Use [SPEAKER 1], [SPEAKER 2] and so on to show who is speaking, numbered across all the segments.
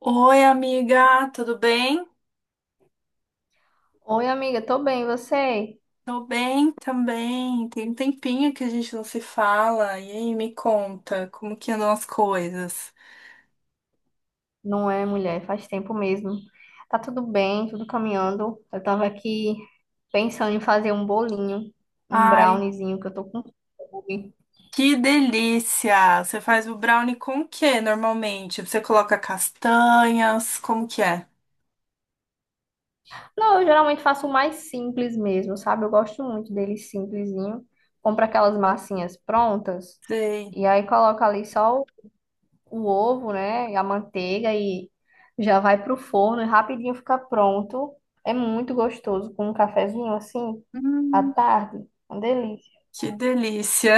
[SPEAKER 1] Oi, amiga, tudo bem?
[SPEAKER 2] Oi, amiga, tô bem, e você?
[SPEAKER 1] Tô bem também. Tem um tempinho que a gente não se fala. E aí, me conta, como que andam as coisas?
[SPEAKER 2] Não é, mulher, faz tempo mesmo. Tá tudo bem, tudo caminhando. Eu tava aqui pensando em fazer um bolinho, um
[SPEAKER 1] Ai,
[SPEAKER 2] browniezinho, que eu tô com fome.
[SPEAKER 1] que delícia! Você faz o brownie com o quê normalmente? Você coloca castanhas? Como que é?
[SPEAKER 2] Não, eu geralmente faço o mais simples mesmo, sabe? Eu gosto muito dele simplesinho. Compro aquelas massinhas prontas
[SPEAKER 1] Sei.
[SPEAKER 2] e aí coloco ali só o ovo, né, e a manteiga e já vai pro forno e rapidinho fica pronto. É muito gostoso com um cafezinho assim à
[SPEAKER 1] Hum,
[SPEAKER 2] tarde, uma delícia.
[SPEAKER 1] que delícia!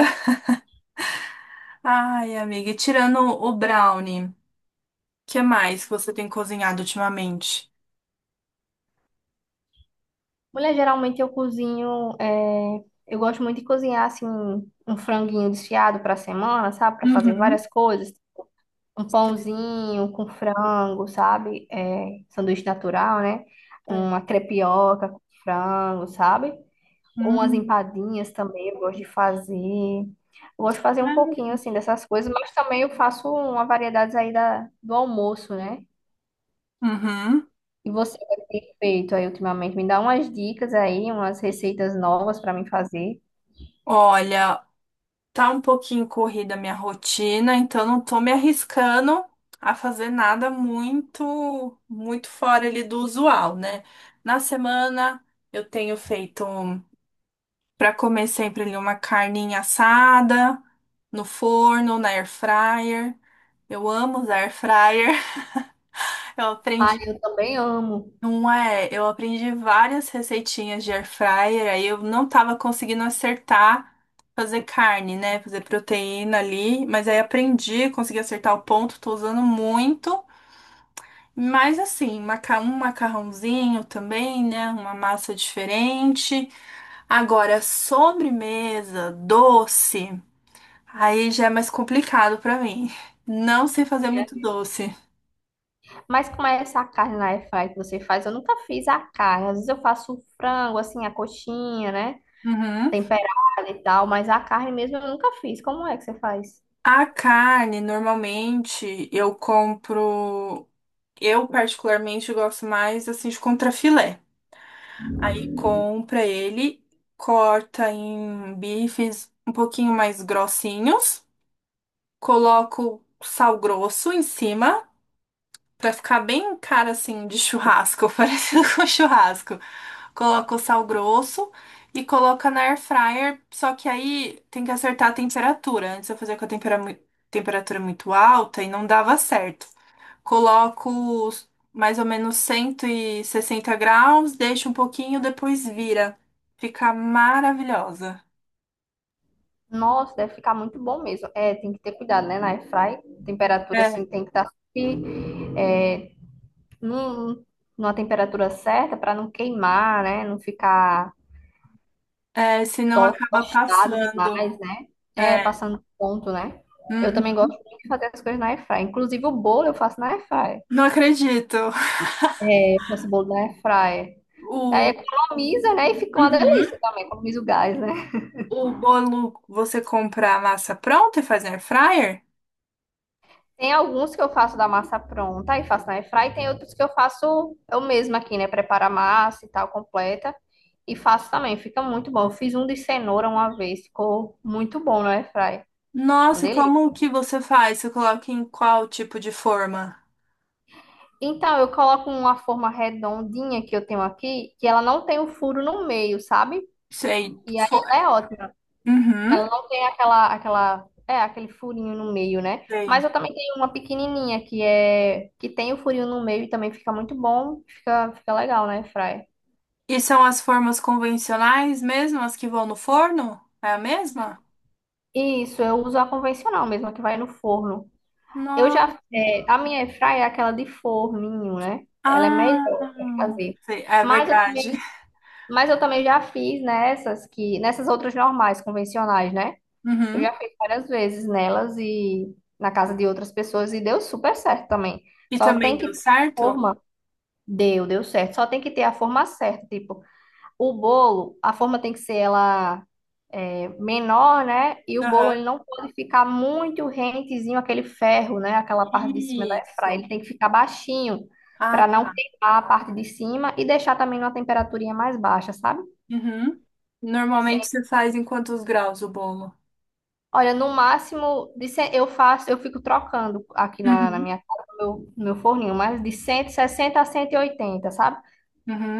[SPEAKER 1] Ai, amiga, e tirando o brownie, o que mais que você tem cozinhado ultimamente?
[SPEAKER 2] Mulher, geralmente eu cozinho, é, eu gosto muito de cozinhar assim um franguinho desfiado para semana, sabe, para fazer
[SPEAKER 1] Uhum.
[SPEAKER 2] várias coisas, um pãozinho com frango, sabe, é, sanduíche natural, né,
[SPEAKER 1] É.
[SPEAKER 2] uma crepioca com frango, sabe? Umas
[SPEAKER 1] Hum.
[SPEAKER 2] empadinhas também eu gosto de fazer. Eu gosto de fazer um pouquinho assim dessas coisas, mas também eu faço uma variedade aí do almoço, né?
[SPEAKER 1] Uhum.
[SPEAKER 2] E você o que tem feito aí ultimamente? Me dá umas dicas aí, umas receitas novas para mim fazer.
[SPEAKER 1] Olha, tá um pouquinho corrida a minha rotina, então não tô me arriscando a fazer nada muito, muito fora ali do usual, né? Na semana eu tenho feito para comer sempre ali uma carninha assada no forno, na air fryer. Eu amo usar air fryer. Eu
[SPEAKER 2] Ah,
[SPEAKER 1] aprendi
[SPEAKER 2] eu também amo.
[SPEAKER 1] Não é, eu aprendi várias receitinhas de air fryer, aí eu não tava conseguindo acertar fazer carne, né? Fazer proteína ali, mas aí aprendi, consegui acertar o ponto, tô usando muito. Mas assim, um macarrãozinho também, né? Uma massa diferente. Agora, sobremesa, doce, aí já é mais complicado pra mim. Não sei fazer muito doce.
[SPEAKER 2] Mas como é essa carne na air fry que você faz? Eu nunca fiz a carne. Às vezes eu faço o frango, assim, a coxinha, né?
[SPEAKER 1] Uhum.
[SPEAKER 2] Temperada e tal, mas a carne mesmo eu nunca fiz. Como é que você faz?
[SPEAKER 1] A carne, normalmente, eu compro. Eu, particularmente, gosto mais assim de contrafilé. Aí compra ele, corta em bifes um pouquinho mais grossinhos, coloco sal grosso em cima, pra ficar bem cara assim de churrasco, parecido com churrasco. Coloca o sal grosso e coloca na air fryer, só que aí tem que acertar a temperatura. Antes eu fazia com a temperatura muito alta e não dava certo. Coloco mais ou menos 160 graus, deixo um pouquinho, depois vira. Fica maravilhosa.
[SPEAKER 2] Nossa, deve ficar muito bom mesmo. É, tem que ter cuidado, né? Na airfry, temperatura
[SPEAKER 1] É,
[SPEAKER 2] assim tem que estar sempre, é, num- numa temperatura certa para não queimar, né? Não ficar
[SPEAKER 1] é, senão acaba
[SPEAKER 2] tostado
[SPEAKER 1] passando.
[SPEAKER 2] demais, né? É,
[SPEAKER 1] É.
[SPEAKER 2] passando do ponto, né? Eu também
[SPEAKER 1] Uhum.
[SPEAKER 2] gosto muito de fazer as coisas na airfry. Inclusive o bolo eu faço na airfry.
[SPEAKER 1] Não acredito.
[SPEAKER 2] Eu faço bolo na airfry. Aí
[SPEAKER 1] O.
[SPEAKER 2] economiza, né? E fica uma
[SPEAKER 1] Uhum.
[SPEAKER 2] delícia também, economiza o gás, né?
[SPEAKER 1] O bolo você compra a massa pronta e faz na air fryer?
[SPEAKER 2] Tem alguns que eu faço da massa pronta e faço na airfry, e tem outros que eu faço eu mesma aqui, né? Preparo a massa e tal, completa. E faço também, fica muito bom. Eu fiz um de cenoura uma vez, ficou muito bom no airfry. Uma
[SPEAKER 1] Nossa, e
[SPEAKER 2] delícia.
[SPEAKER 1] como que você faz? Você coloca em qual tipo de forma?
[SPEAKER 2] Então, eu coloco uma forma redondinha que eu tenho aqui, que ela não tem o furo no meio, sabe?
[SPEAKER 1] Sei.
[SPEAKER 2] E aí ela é ótima.
[SPEAKER 1] Uhum.
[SPEAKER 2] Ela não tem aquela, é, aquele furinho no meio, né? Mas
[SPEAKER 1] Sei.
[SPEAKER 2] eu também tenho uma pequenininha que é, que tem o furinho no meio e também fica muito bom, fica legal, né, Fry?
[SPEAKER 1] E são as formas convencionais mesmo, as que vão no forno? É a mesma?
[SPEAKER 2] Isso, eu uso a convencional mesmo, a que vai no forno. Eu já,
[SPEAKER 1] Nossa.
[SPEAKER 2] é, a minha airfryer é aquela de forninho, né? Ela é melhor
[SPEAKER 1] Ah,
[SPEAKER 2] para fazer.
[SPEAKER 1] sei, é
[SPEAKER 2] Mas eu
[SPEAKER 1] verdade.
[SPEAKER 2] também, mas eu também já fiz nessas outras normais, convencionais, né? Eu
[SPEAKER 1] Uhum.
[SPEAKER 2] já fiz várias vezes nelas e na casa de outras pessoas e deu super certo também.
[SPEAKER 1] E
[SPEAKER 2] Só
[SPEAKER 1] também
[SPEAKER 2] tem que
[SPEAKER 1] deu
[SPEAKER 2] ter a
[SPEAKER 1] certo?
[SPEAKER 2] forma. Deu certo. Só tem que ter a forma certa, tipo, o bolo, a forma tem que ser ela menor, né? E o bolo
[SPEAKER 1] Aham.
[SPEAKER 2] ele não pode ficar muito rentezinho aquele ferro, né? Aquela parte de cima da airfryer,
[SPEAKER 1] Isso.
[SPEAKER 2] ele tem que ficar baixinho
[SPEAKER 1] Ah,
[SPEAKER 2] para não
[SPEAKER 1] tá.
[SPEAKER 2] queimar a parte de cima e deixar também numa temperaturinha mais baixa, sabe?
[SPEAKER 1] Uhum. Normalmente
[SPEAKER 2] Sim.
[SPEAKER 1] você faz em quantos graus o bolo?
[SPEAKER 2] Olha, no máximo de cem- eu faço, eu fico trocando aqui na
[SPEAKER 1] Uhum.
[SPEAKER 2] minha casa, no meu forninho, mas de 160 a 180, sabe?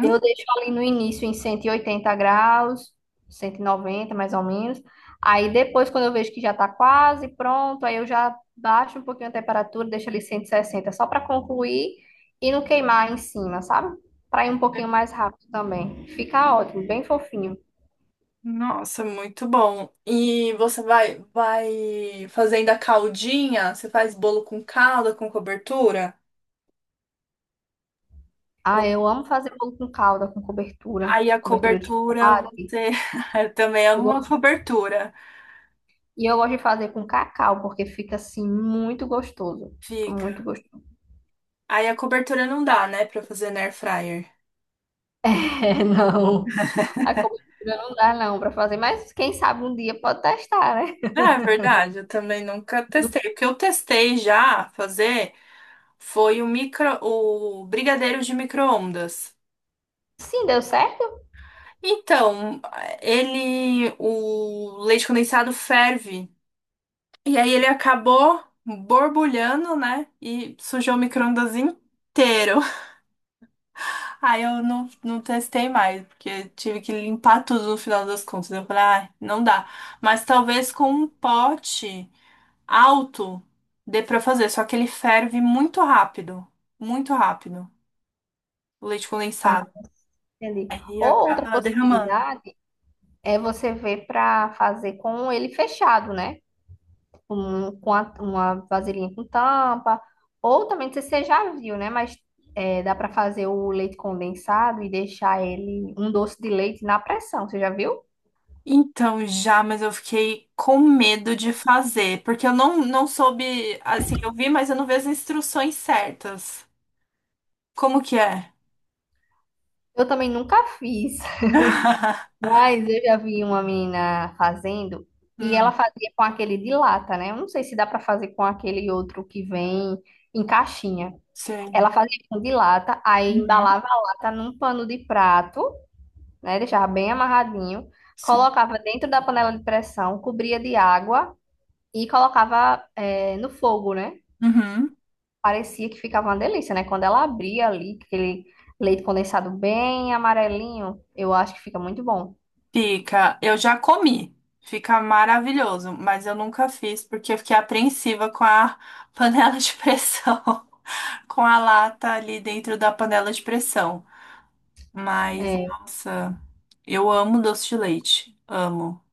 [SPEAKER 2] Eu deixo ali no início em 180 graus, 190 mais ou menos. Aí depois, quando eu vejo que já tá quase pronto, aí eu já baixo um pouquinho a temperatura, deixo ali 160, só para concluir e não queimar em cima, sabe? Para ir um pouquinho mais rápido também. Fica ótimo, bem fofinho.
[SPEAKER 1] Nossa, muito bom. E você vai fazendo a caldinha? Você faz bolo com calda, com cobertura?
[SPEAKER 2] Ah, eu amo fazer bolo com calda, com cobertura,
[SPEAKER 1] Aí a
[SPEAKER 2] cobertura de
[SPEAKER 1] cobertura,
[SPEAKER 2] chocolate.
[SPEAKER 1] você. Eu também amo
[SPEAKER 2] Eu
[SPEAKER 1] uma
[SPEAKER 2] gosto-
[SPEAKER 1] cobertura.
[SPEAKER 2] E eu gosto de fazer com cacau, porque fica assim muito gostoso. Fica
[SPEAKER 1] Fica.
[SPEAKER 2] muito gostoso.
[SPEAKER 1] Aí a cobertura não dá, né, pra fazer na air fryer.
[SPEAKER 2] É, não. A cobertura não dá, não, para fazer. Mas quem sabe um dia pode testar, né?
[SPEAKER 1] Ah, é verdade, eu também nunca testei. O que eu testei já fazer foi o micro, o brigadeiro de micro-ondas.
[SPEAKER 2] Sim, deu certo?
[SPEAKER 1] Então, ele, o leite condensado ferve. E aí ele acabou borbulhando, né? E sujou o micro-ondas inteiro. Aí eu não, não testei mais, porque tive que limpar tudo no final das contas. Eu falei, ah, não dá. Mas talvez com um pote alto dê pra fazer, só que ele ferve muito rápido, o leite
[SPEAKER 2] Ah,
[SPEAKER 1] condensado.
[SPEAKER 2] entendi.
[SPEAKER 1] Aí
[SPEAKER 2] Ou outra
[SPEAKER 1] acaba derramando.
[SPEAKER 2] possibilidade é você ver para fazer com ele fechado, né? Com, uma vasilhinha com tampa. Ou também, não sei se você já viu, né? Mas é, dá para fazer o leite condensado e deixar ele um doce de leite na pressão. Você já viu?
[SPEAKER 1] Então, já, mas eu fiquei com medo de fazer, porque eu não, não soube, assim, eu vi, mas eu não vi as instruções certas. Como que é?
[SPEAKER 2] Eu também nunca fiz. Mas eu já vi uma menina fazendo e ela
[SPEAKER 1] Hum,
[SPEAKER 2] fazia com aquele de lata, né? Eu não sei se dá pra fazer com aquele outro que vem em caixinha.
[SPEAKER 1] sei.
[SPEAKER 2] Ela fazia com de lata, aí
[SPEAKER 1] Uhum,
[SPEAKER 2] embalava a lata num pano de prato, né? Deixava bem amarradinho,
[SPEAKER 1] sei.
[SPEAKER 2] colocava dentro da panela de pressão, cobria de água e colocava no fogo, né?
[SPEAKER 1] Uhum.
[SPEAKER 2] Parecia que ficava uma delícia, né? Quando ela abria ali, aquele leite condensado bem amarelinho, eu acho que fica muito bom.
[SPEAKER 1] Fica, eu já comi, fica maravilhoso, mas eu nunca fiz porque eu fiquei apreensiva com a panela de pressão, com a lata ali dentro da panela de pressão. Mas,
[SPEAKER 2] É,
[SPEAKER 1] nossa, eu amo doce de leite, amo.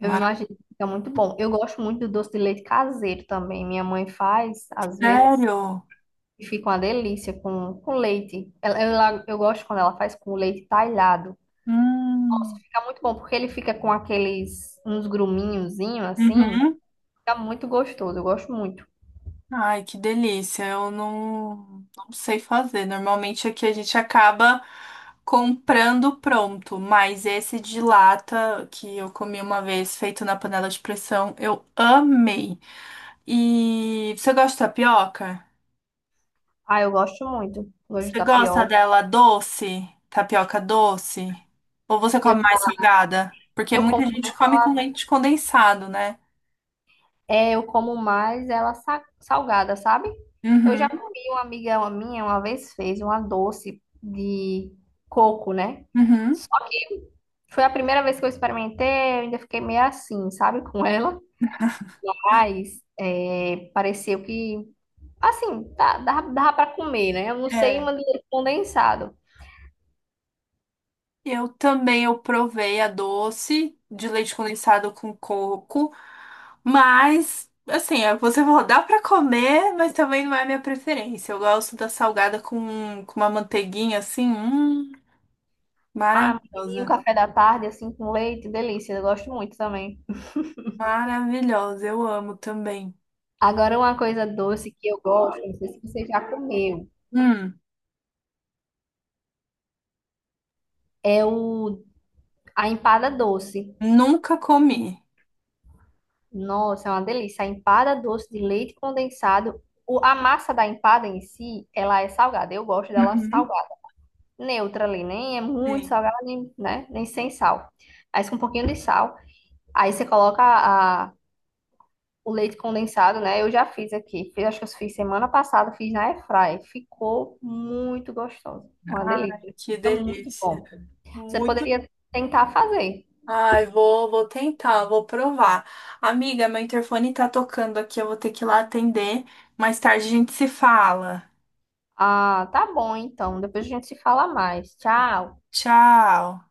[SPEAKER 2] eu imagino que fica muito bom. Eu gosto muito do doce de leite caseiro também. Minha mãe faz, às vezes,
[SPEAKER 1] Sério?
[SPEAKER 2] e fica uma delícia com leite. Eu gosto quando ela faz com leite talhado. Nossa,
[SPEAKER 1] Hum.
[SPEAKER 2] fica muito bom, porque ele fica com uns gruminhozinhos assim.
[SPEAKER 1] Uhum.
[SPEAKER 2] Fica muito gostoso, eu gosto muito.
[SPEAKER 1] Ai, que delícia. Eu não, não sei fazer. Normalmente aqui a gente acaba comprando pronto, mas esse de lata que eu comi uma vez, feito na panela de pressão, eu amei. E você gosta de tapioca?
[SPEAKER 2] Ah, eu gosto muito. Gosto de
[SPEAKER 1] Você gosta
[SPEAKER 2] tapioca.
[SPEAKER 1] dela doce? Tapioca doce? Ou você
[SPEAKER 2] Eu,
[SPEAKER 1] come
[SPEAKER 2] já-
[SPEAKER 1] mais salgada? Porque
[SPEAKER 2] eu
[SPEAKER 1] muita
[SPEAKER 2] como
[SPEAKER 1] gente come com leite condensado, né?
[SPEAKER 2] É, eu como mais ela salgada, sabe? Eu
[SPEAKER 1] Uhum,
[SPEAKER 2] já comi, uma amiga minha uma vez fez uma doce de coco, né?
[SPEAKER 1] uhum.
[SPEAKER 2] Só que foi a primeira vez que eu experimentei, eu ainda fiquei meio assim, sabe, com ela. Mas é, pareceu que, assim, dava pra comer, né? Eu não sei,
[SPEAKER 1] É.
[SPEAKER 2] uma de leite condensado.
[SPEAKER 1] Eu também eu provei a doce de leite condensado com coco, mas assim, é, você falou, dá pra comer, mas também não é a minha preferência. Eu gosto da salgada com uma manteiguinha assim,
[SPEAKER 2] Ah, um
[SPEAKER 1] maravilhosa.
[SPEAKER 2] café da tarde, assim, com leite, delícia, eu gosto muito também.
[SPEAKER 1] Maravilhosa, eu amo também.
[SPEAKER 2] Agora, uma coisa doce que eu gosto, não sei se você já comeu,
[SPEAKER 1] Hum,
[SPEAKER 2] é o a empada doce.
[SPEAKER 1] Nunca comi.
[SPEAKER 2] Nossa, é uma delícia. A empada doce de leite condensado. A massa da empada em si, ela é salgada. Eu gosto dela
[SPEAKER 1] Uhum.
[SPEAKER 2] salgada. Neutra ali, nem é muito
[SPEAKER 1] Sim.
[SPEAKER 2] salgada, nem, né? Nem sem sal. Mas com um pouquinho de sal. Aí você coloca o leite condensado, né? Eu já fiz aqui. Fiz, acho que eu fiz semana passada, fiz na airfryer. Ficou muito gostoso. Foi uma
[SPEAKER 1] Ai,
[SPEAKER 2] delícia.
[SPEAKER 1] que
[SPEAKER 2] Fica muito
[SPEAKER 1] delícia.
[SPEAKER 2] bom. Você
[SPEAKER 1] Muito
[SPEAKER 2] poderia tentar fazer.
[SPEAKER 1] Ai, vou tentar, vou provar. Amiga, meu interfone tá tocando aqui, eu vou ter que ir lá atender. Mais tarde a gente se fala.
[SPEAKER 2] Ah, tá bom então. Depois a gente se fala mais. Tchau.
[SPEAKER 1] Tchau.